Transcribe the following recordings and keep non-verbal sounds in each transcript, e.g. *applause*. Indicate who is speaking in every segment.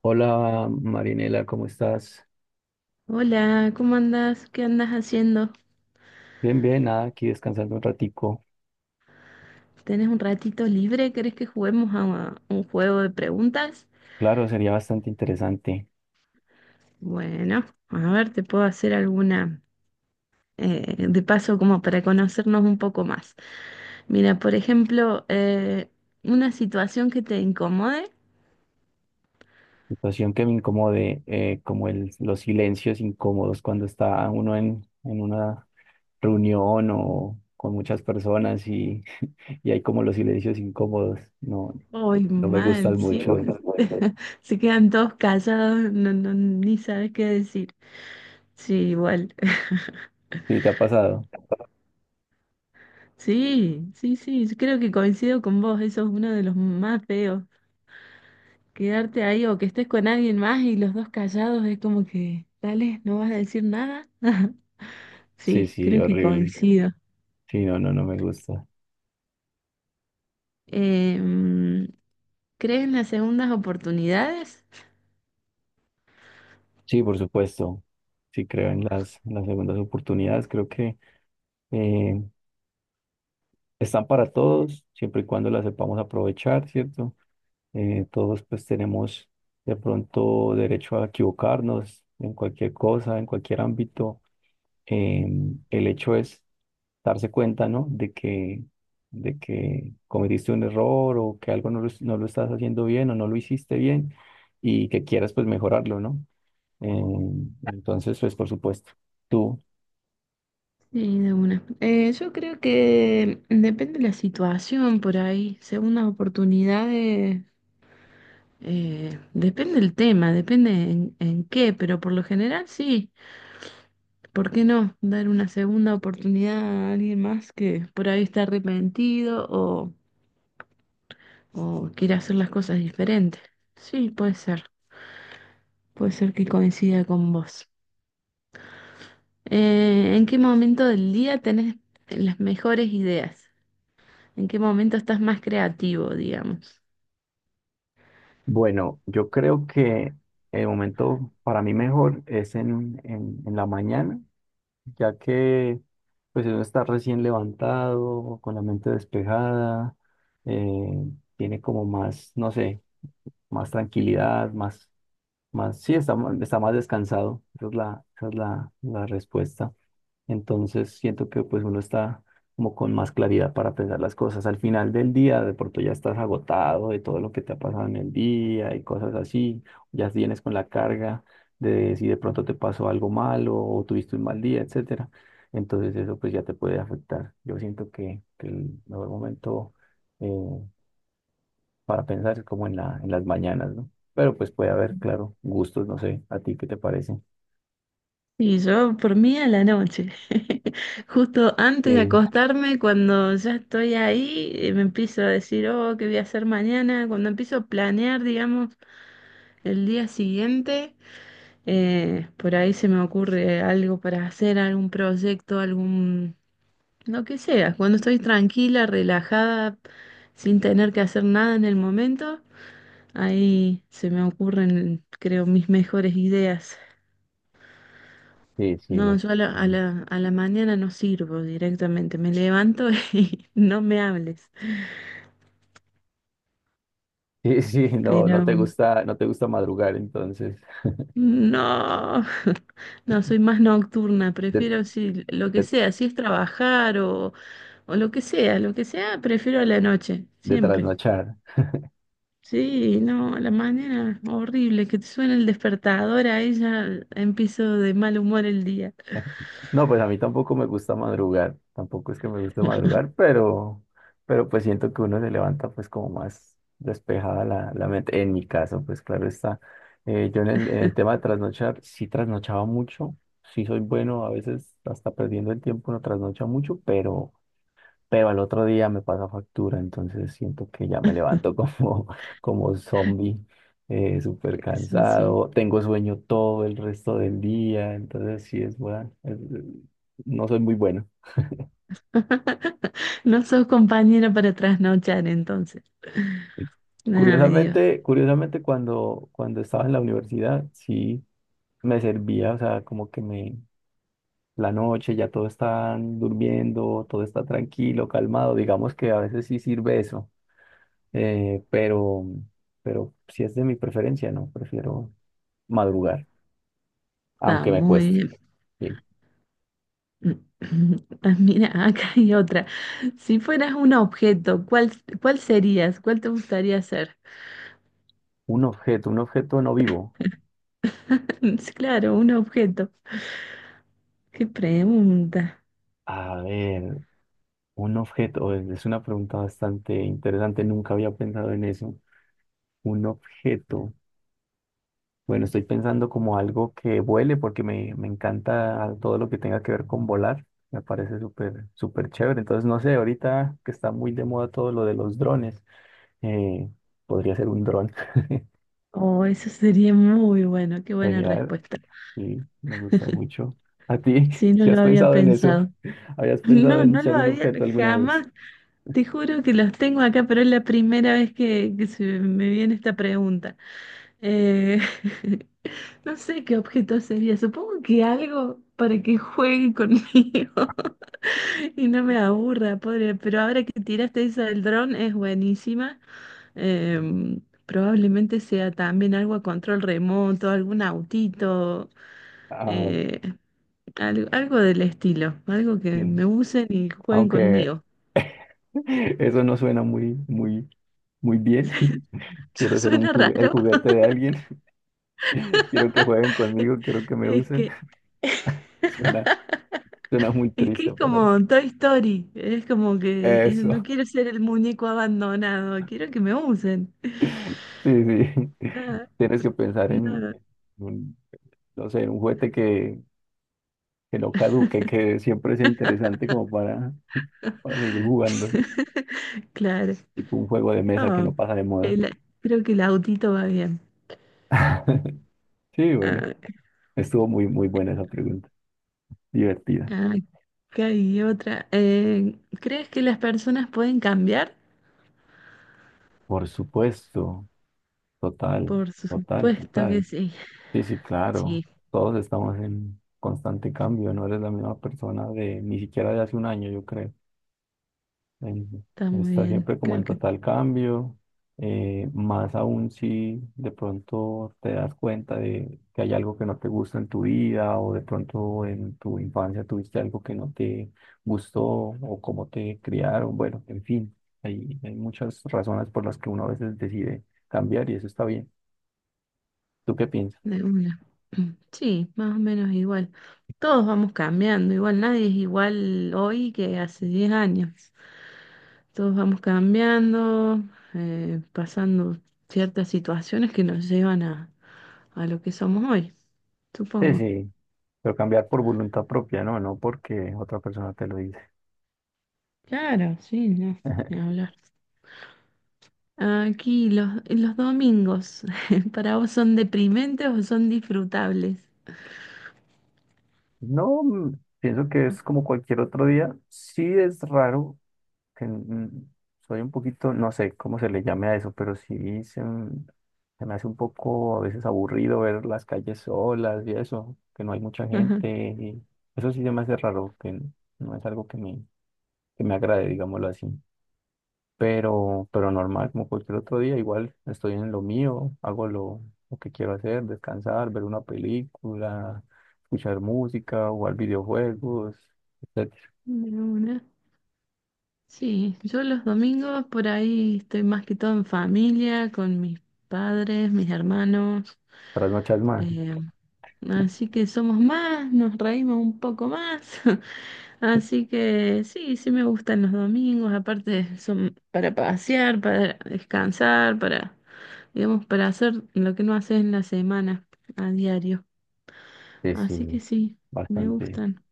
Speaker 1: Hola Marinela, ¿cómo estás?
Speaker 2: Hola, ¿cómo andas? ¿Qué andas haciendo?
Speaker 1: Bien, bien, nada, aquí descansando un ratico.
Speaker 2: ¿Tenés un ratito libre? ¿Querés que juguemos a un juego de preguntas?
Speaker 1: Claro, sería bastante interesante.
Speaker 2: Bueno, a ver, te puedo hacer alguna de paso como para conocernos un poco más. Mira, por ejemplo, una situación que te incomode.
Speaker 1: Situación que me incomode, como los silencios incómodos cuando está uno en una reunión o con muchas personas y, *laughs* y hay como los silencios incómodos. No,
Speaker 2: Uy,
Speaker 1: no me
Speaker 2: mal,
Speaker 1: gustan
Speaker 2: sí.
Speaker 1: mucho.
Speaker 2: *laughs* Se quedan todos callados, no, no, ni sabes qué decir. Sí, igual. *laughs*
Speaker 1: ¿Sí te ha pasado?
Speaker 2: Sí, sí, sí, yo creo que coincido con vos, eso es uno de los más feos. Quedarte ahí o que estés con alguien más y los dos callados es como que, dale, no vas a decir nada. *laughs*
Speaker 1: Sí,
Speaker 2: Sí,
Speaker 1: sí,
Speaker 2: creo que sí,
Speaker 1: horrible.
Speaker 2: coincido.
Speaker 1: Sí, no, no, no me gusta.
Speaker 2: Em, ¿Crees en las segundas oportunidades?
Speaker 1: Sí, por supuesto. Sí, creo en en las segundas oportunidades. Creo que eh, están para todos, siempre y cuando las sepamos aprovechar, ¿cierto? Todos pues tenemos de pronto derecho a equivocarnos en cualquier cosa, en cualquier ámbito. El hecho es darse cuenta, ¿no? De que cometiste un error o que algo no lo estás haciendo bien o no lo hiciste bien y que quieras pues mejorarlo, ¿no? Entonces, pues por supuesto, tú,
Speaker 2: Sí, de una. Yo creo que depende de la situación por ahí. Segundas oportunidades, depende el tema, depende en qué, pero por lo general sí. ¿Por qué no dar una segunda oportunidad a alguien más que por ahí está arrepentido o quiere hacer las cosas diferentes? Sí, puede ser que coincida con vos. ¿En qué momento del día tenés las mejores ideas? ¿En qué momento estás más creativo, digamos?
Speaker 1: bueno, yo creo que el momento para mí mejor es en la mañana, ya que pues uno está recién levantado, con la mente despejada, eh, tiene como más, no sé, más tranquilidad, más, más, sí, está, está más descansado. Esa es esa es la respuesta. Entonces siento que pues uno está como con más claridad para pensar las cosas. Al final del día, de pronto ya estás agotado de todo lo que te ha pasado en el día y cosas así. Ya vienes con la carga de si de pronto te pasó algo malo o tuviste un mal día, etcétera. Entonces eso pues ya te puede afectar. Yo siento que el mejor momento eh, para pensar es como en en las mañanas, ¿no? Pero pues puede haber, claro, gustos, no sé, ¿a ti qué te parece?
Speaker 2: Y yo, por mí, a la noche. *laughs* Justo antes de
Speaker 1: Sí,
Speaker 2: acostarme, cuando ya estoy ahí, me empiezo a decir, oh, ¿qué voy a hacer mañana? Cuando empiezo a planear, digamos, el día siguiente, por ahí se me ocurre algo para hacer, algún proyecto, algún Lo que sea, cuando estoy tranquila, relajada, sin tener que hacer nada en el momento, ahí se me ocurren, creo, mis mejores ideas.
Speaker 1: sí, sí.
Speaker 2: No, yo a la mañana no sirvo directamente, me levanto *laughs* y no me hables.
Speaker 1: *laughs* Sí, sí, no, no
Speaker 2: Pero
Speaker 1: te gusta, no te gusta madrugar, entonces,
Speaker 2: no, *laughs* no, soy más nocturna,
Speaker 1: de,
Speaker 2: prefiero si lo que
Speaker 1: de,
Speaker 2: sea, si es trabajar o lo que sea, prefiero a la noche,
Speaker 1: de
Speaker 2: siempre.
Speaker 1: trasnochar.
Speaker 2: Sí, no, la manera horrible que te suena el despertador a ella, empiezo de mal humor el día.
Speaker 1: *laughs* No, pues a mí tampoco me gusta madrugar, tampoco es que me guste madrugar, pero pues siento que uno se levanta pues como más despejada la mente. En mi caso, pues claro está. Yo en en el tema de trasnochar, sí trasnochaba mucho, sí soy bueno, a veces hasta perdiendo el tiempo no trasnocha mucho, pero al otro día me paga factura, entonces siento que ya me levanto como, *laughs* como zombie, súper
Speaker 2: Eso sí.
Speaker 1: cansado, tengo sueño todo el resto del día, entonces sí es bueno, no soy muy bueno.
Speaker 2: *laughs* No sos compañera para trasnochar entonces. Ay, Dios,
Speaker 1: Curiosamente, curiosamente cuando estaba en la universidad, sí me servía, o sea, como que me, la noche ya todos están durmiendo, todo está tranquilo, calmado, digamos que a veces sí sirve eso. eh, pero, pero si es de mi preferencia, no, prefiero madrugar,
Speaker 2: está
Speaker 1: aunque me
Speaker 2: muy
Speaker 1: cueste.
Speaker 2: bien.
Speaker 1: Bien.
Speaker 2: *clears throat* Ah, mira, *laughs* acá hay otra. Si fueras un objeto, ¿cuál serías? ¿Cuál te gustaría ser?
Speaker 1: Un objeto no vivo.
Speaker 2: *laughs* Sí, claro, un objeto. Qué pregunta.
Speaker 1: A ver, un objeto, es una pregunta bastante interesante, nunca había pensado en eso. Un objeto. Bueno, estoy pensando como algo que vuele porque me encanta todo lo que tenga que ver con volar. Me parece súper, súper chévere. Entonces, no sé, ahorita que está muy de moda todo lo de los drones, eh, podría ser un dron.
Speaker 2: Oh, eso sería muy bueno, qué
Speaker 1: *laughs*
Speaker 2: buena
Speaker 1: Genial,
Speaker 2: respuesta.
Speaker 1: sí, me gusta mucho. ¿A ti?
Speaker 2: Sí,
Speaker 1: *laughs*
Speaker 2: no
Speaker 1: ¿Si has
Speaker 2: lo había
Speaker 1: pensado en eso?
Speaker 2: pensado.
Speaker 1: *laughs* ¿Habías pensado
Speaker 2: No,
Speaker 1: en
Speaker 2: no lo
Speaker 1: ser un
Speaker 2: había
Speaker 1: objeto alguna vez?
Speaker 2: jamás. Te juro que los tengo acá, pero es la primera vez que se me viene esta pregunta. Eh, *laughs* no sé qué objeto sería. Supongo que algo para que juegue conmigo. *laughs* Y no me aburra, pobre. Pero ahora que tiraste esa del dron, es buenísima. Em, Probablemente sea también algo a control remoto, algún autito,
Speaker 1: Ah, ok.
Speaker 2: eh, algo, del estilo. Algo que me usen y jueguen
Speaker 1: Aunque
Speaker 2: conmigo.
Speaker 1: *laughs* eso no suena muy, muy, muy bien. *laughs*
Speaker 2: *laughs*
Speaker 1: Quiero ser un
Speaker 2: Suena
Speaker 1: el
Speaker 2: raro.
Speaker 1: juguete de alguien. *laughs* Quiero que jueguen conmigo, quiero que me
Speaker 2: Es
Speaker 1: usen.
Speaker 2: que,
Speaker 1: *laughs* Suena, suena muy
Speaker 2: *laughs* es que
Speaker 1: triste,
Speaker 2: es
Speaker 1: pero
Speaker 2: como Toy Story. Es como que
Speaker 1: eso.
Speaker 2: no
Speaker 1: *laughs*
Speaker 2: quiero ser el muñeco abandonado. Quiero que me usen. *laughs*
Speaker 1: Sí, sí. *laughs*
Speaker 2: Nada,
Speaker 1: Tienes que pensar en
Speaker 2: nada.
Speaker 1: un, no sé, en un juguete que no caduque, que siempre sea interesante como para seguir jugando.
Speaker 2: *laughs* Claro.
Speaker 1: Tipo un juego de mesa que
Speaker 2: Ah,
Speaker 1: no pasa de moda.
Speaker 2: el- creo que el autito va bien.
Speaker 1: *laughs* Sí, bueno,
Speaker 2: Ah,
Speaker 1: estuvo muy, muy buena esa pregunta, divertida.
Speaker 2: ah, acá hay otra. ¿Crees que las personas pueden cambiar?
Speaker 1: Por supuesto, total,
Speaker 2: Por
Speaker 1: total,
Speaker 2: supuesto que
Speaker 1: total.
Speaker 2: sí.
Speaker 1: Sí, sí,
Speaker 2: Sí,
Speaker 1: claro, todos estamos en constante cambio, no eres la misma persona de ni siquiera de hace un año, yo creo. eh,
Speaker 2: está muy
Speaker 1: está
Speaker 2: bien.
Speaker 1: siempre como
Speaker 2: Creo
Speaker 1: en
Speaker 2: que
Speaker 1: total cambio, más aún si de pronto te das cuenta de que hay algo que no te gusta en tu vida o de pronto en tu infancia tuviste algo que no te gustó o cómo te criaron, bueno, en fin, hay muchas razones por las que uno a veces decide cambiar y eso está bien. ¿Tú qué piensas?
Speaker 2: de una. Mm, sí, más o menos igual. Todos vamos cambiando. Igual nadie es igual hoy que hace 10 años. Todos vamos cambiando, pasando ciertas situaciones que nos llevan a lo que somos hoy,
Speaker 1: Sí,
Speaker 2: supongo.
Speaker 1: sí, pero cambiar por voluntad propia, no, no porque otra persona te lo dice.
Speaker 2: Claro, sí, no,
Speaker 1: *laughs*
Speaker 2: ni hablar. Aquí los domingos, *laughs* ¿para vos son deprimentes o son disfrutables?
Speaker 1: No, mm, pienso que es como cualquier otro día. Sí es raro que soy un poquito, no sé cómo se le llame a eso, pero sí se, se me hace un poco a veces aburrido ver las calles solas y eso, que no hay mucha
Speaker 2: Ajá.
Speaker 1: gente. Y eso sí se me hace raro, no es algo que me agrade, digámoslo así, pero normal, como cualquier otro día, igual estoy en lo mío, hago lo que quiero hacer, descansar, ver una película, escuchar música, jugar videojuegos, etcétera.
Speaker 2: De una. Sí, yo los domingos por ahí estoy más que todo en familia, con mis padres, mis hermanos,
Speaker 1: Trasnochas más,
Speaker 2: eh, así que somos más, nos reímos un poco más. *laughs* Así que sí, sí me gustan los domingos, aparte son para pasear, para descansar, para, digamos, para hacer lo que no haces en la semana a diario.
Speaker 1: sí, sí,
Speaker 2: Así que sí, me
Speaker 1: bastante.
Speaker 2: gustan.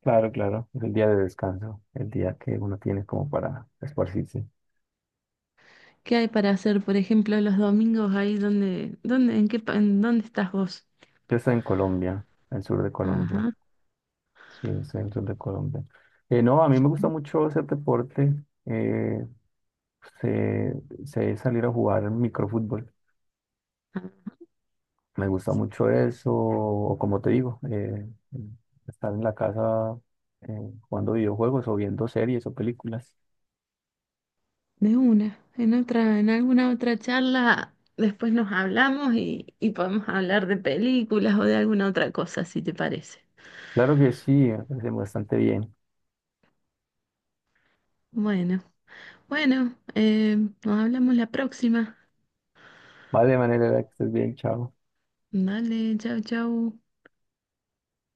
Speaker 1: Claro, claro, es el día de descanso, el día que uno tiene como para esparcirse.
Speaker 2: ¿Qué hay para hacer, por ejemplo, los domingos ahí donde, dónde, en qué, en dónde estás vos?
Speaker 1: Yo estoy en Colombia, en el sur de Colombia,
Speaker 2: Ajá,
Speaker 1: sí, estoy en el sur de Colombia. No, a mí me gusta mucho hacer deporte, eh, sé, sé salir a jugar microfútbol.
Speaker 2: ah,
Speaker 1: Me gusta mucho eso, o como te digo, estar en la casa eh, jugando videojuegos o viendo series o películas.
Speaker 2: de una. En alguna otra charla después nos hablamos y podemos hablar de películas o de alguna otra cosa, si te parece.
Speaker 1: Claro que sí, me parece bastante bien.
Speaker 2: Bueno. Bueno, nos hablamos la próxima.
Speaker 1: Vale, manera que estés bien, chao.
Speaker 2: Dale, chau, chau.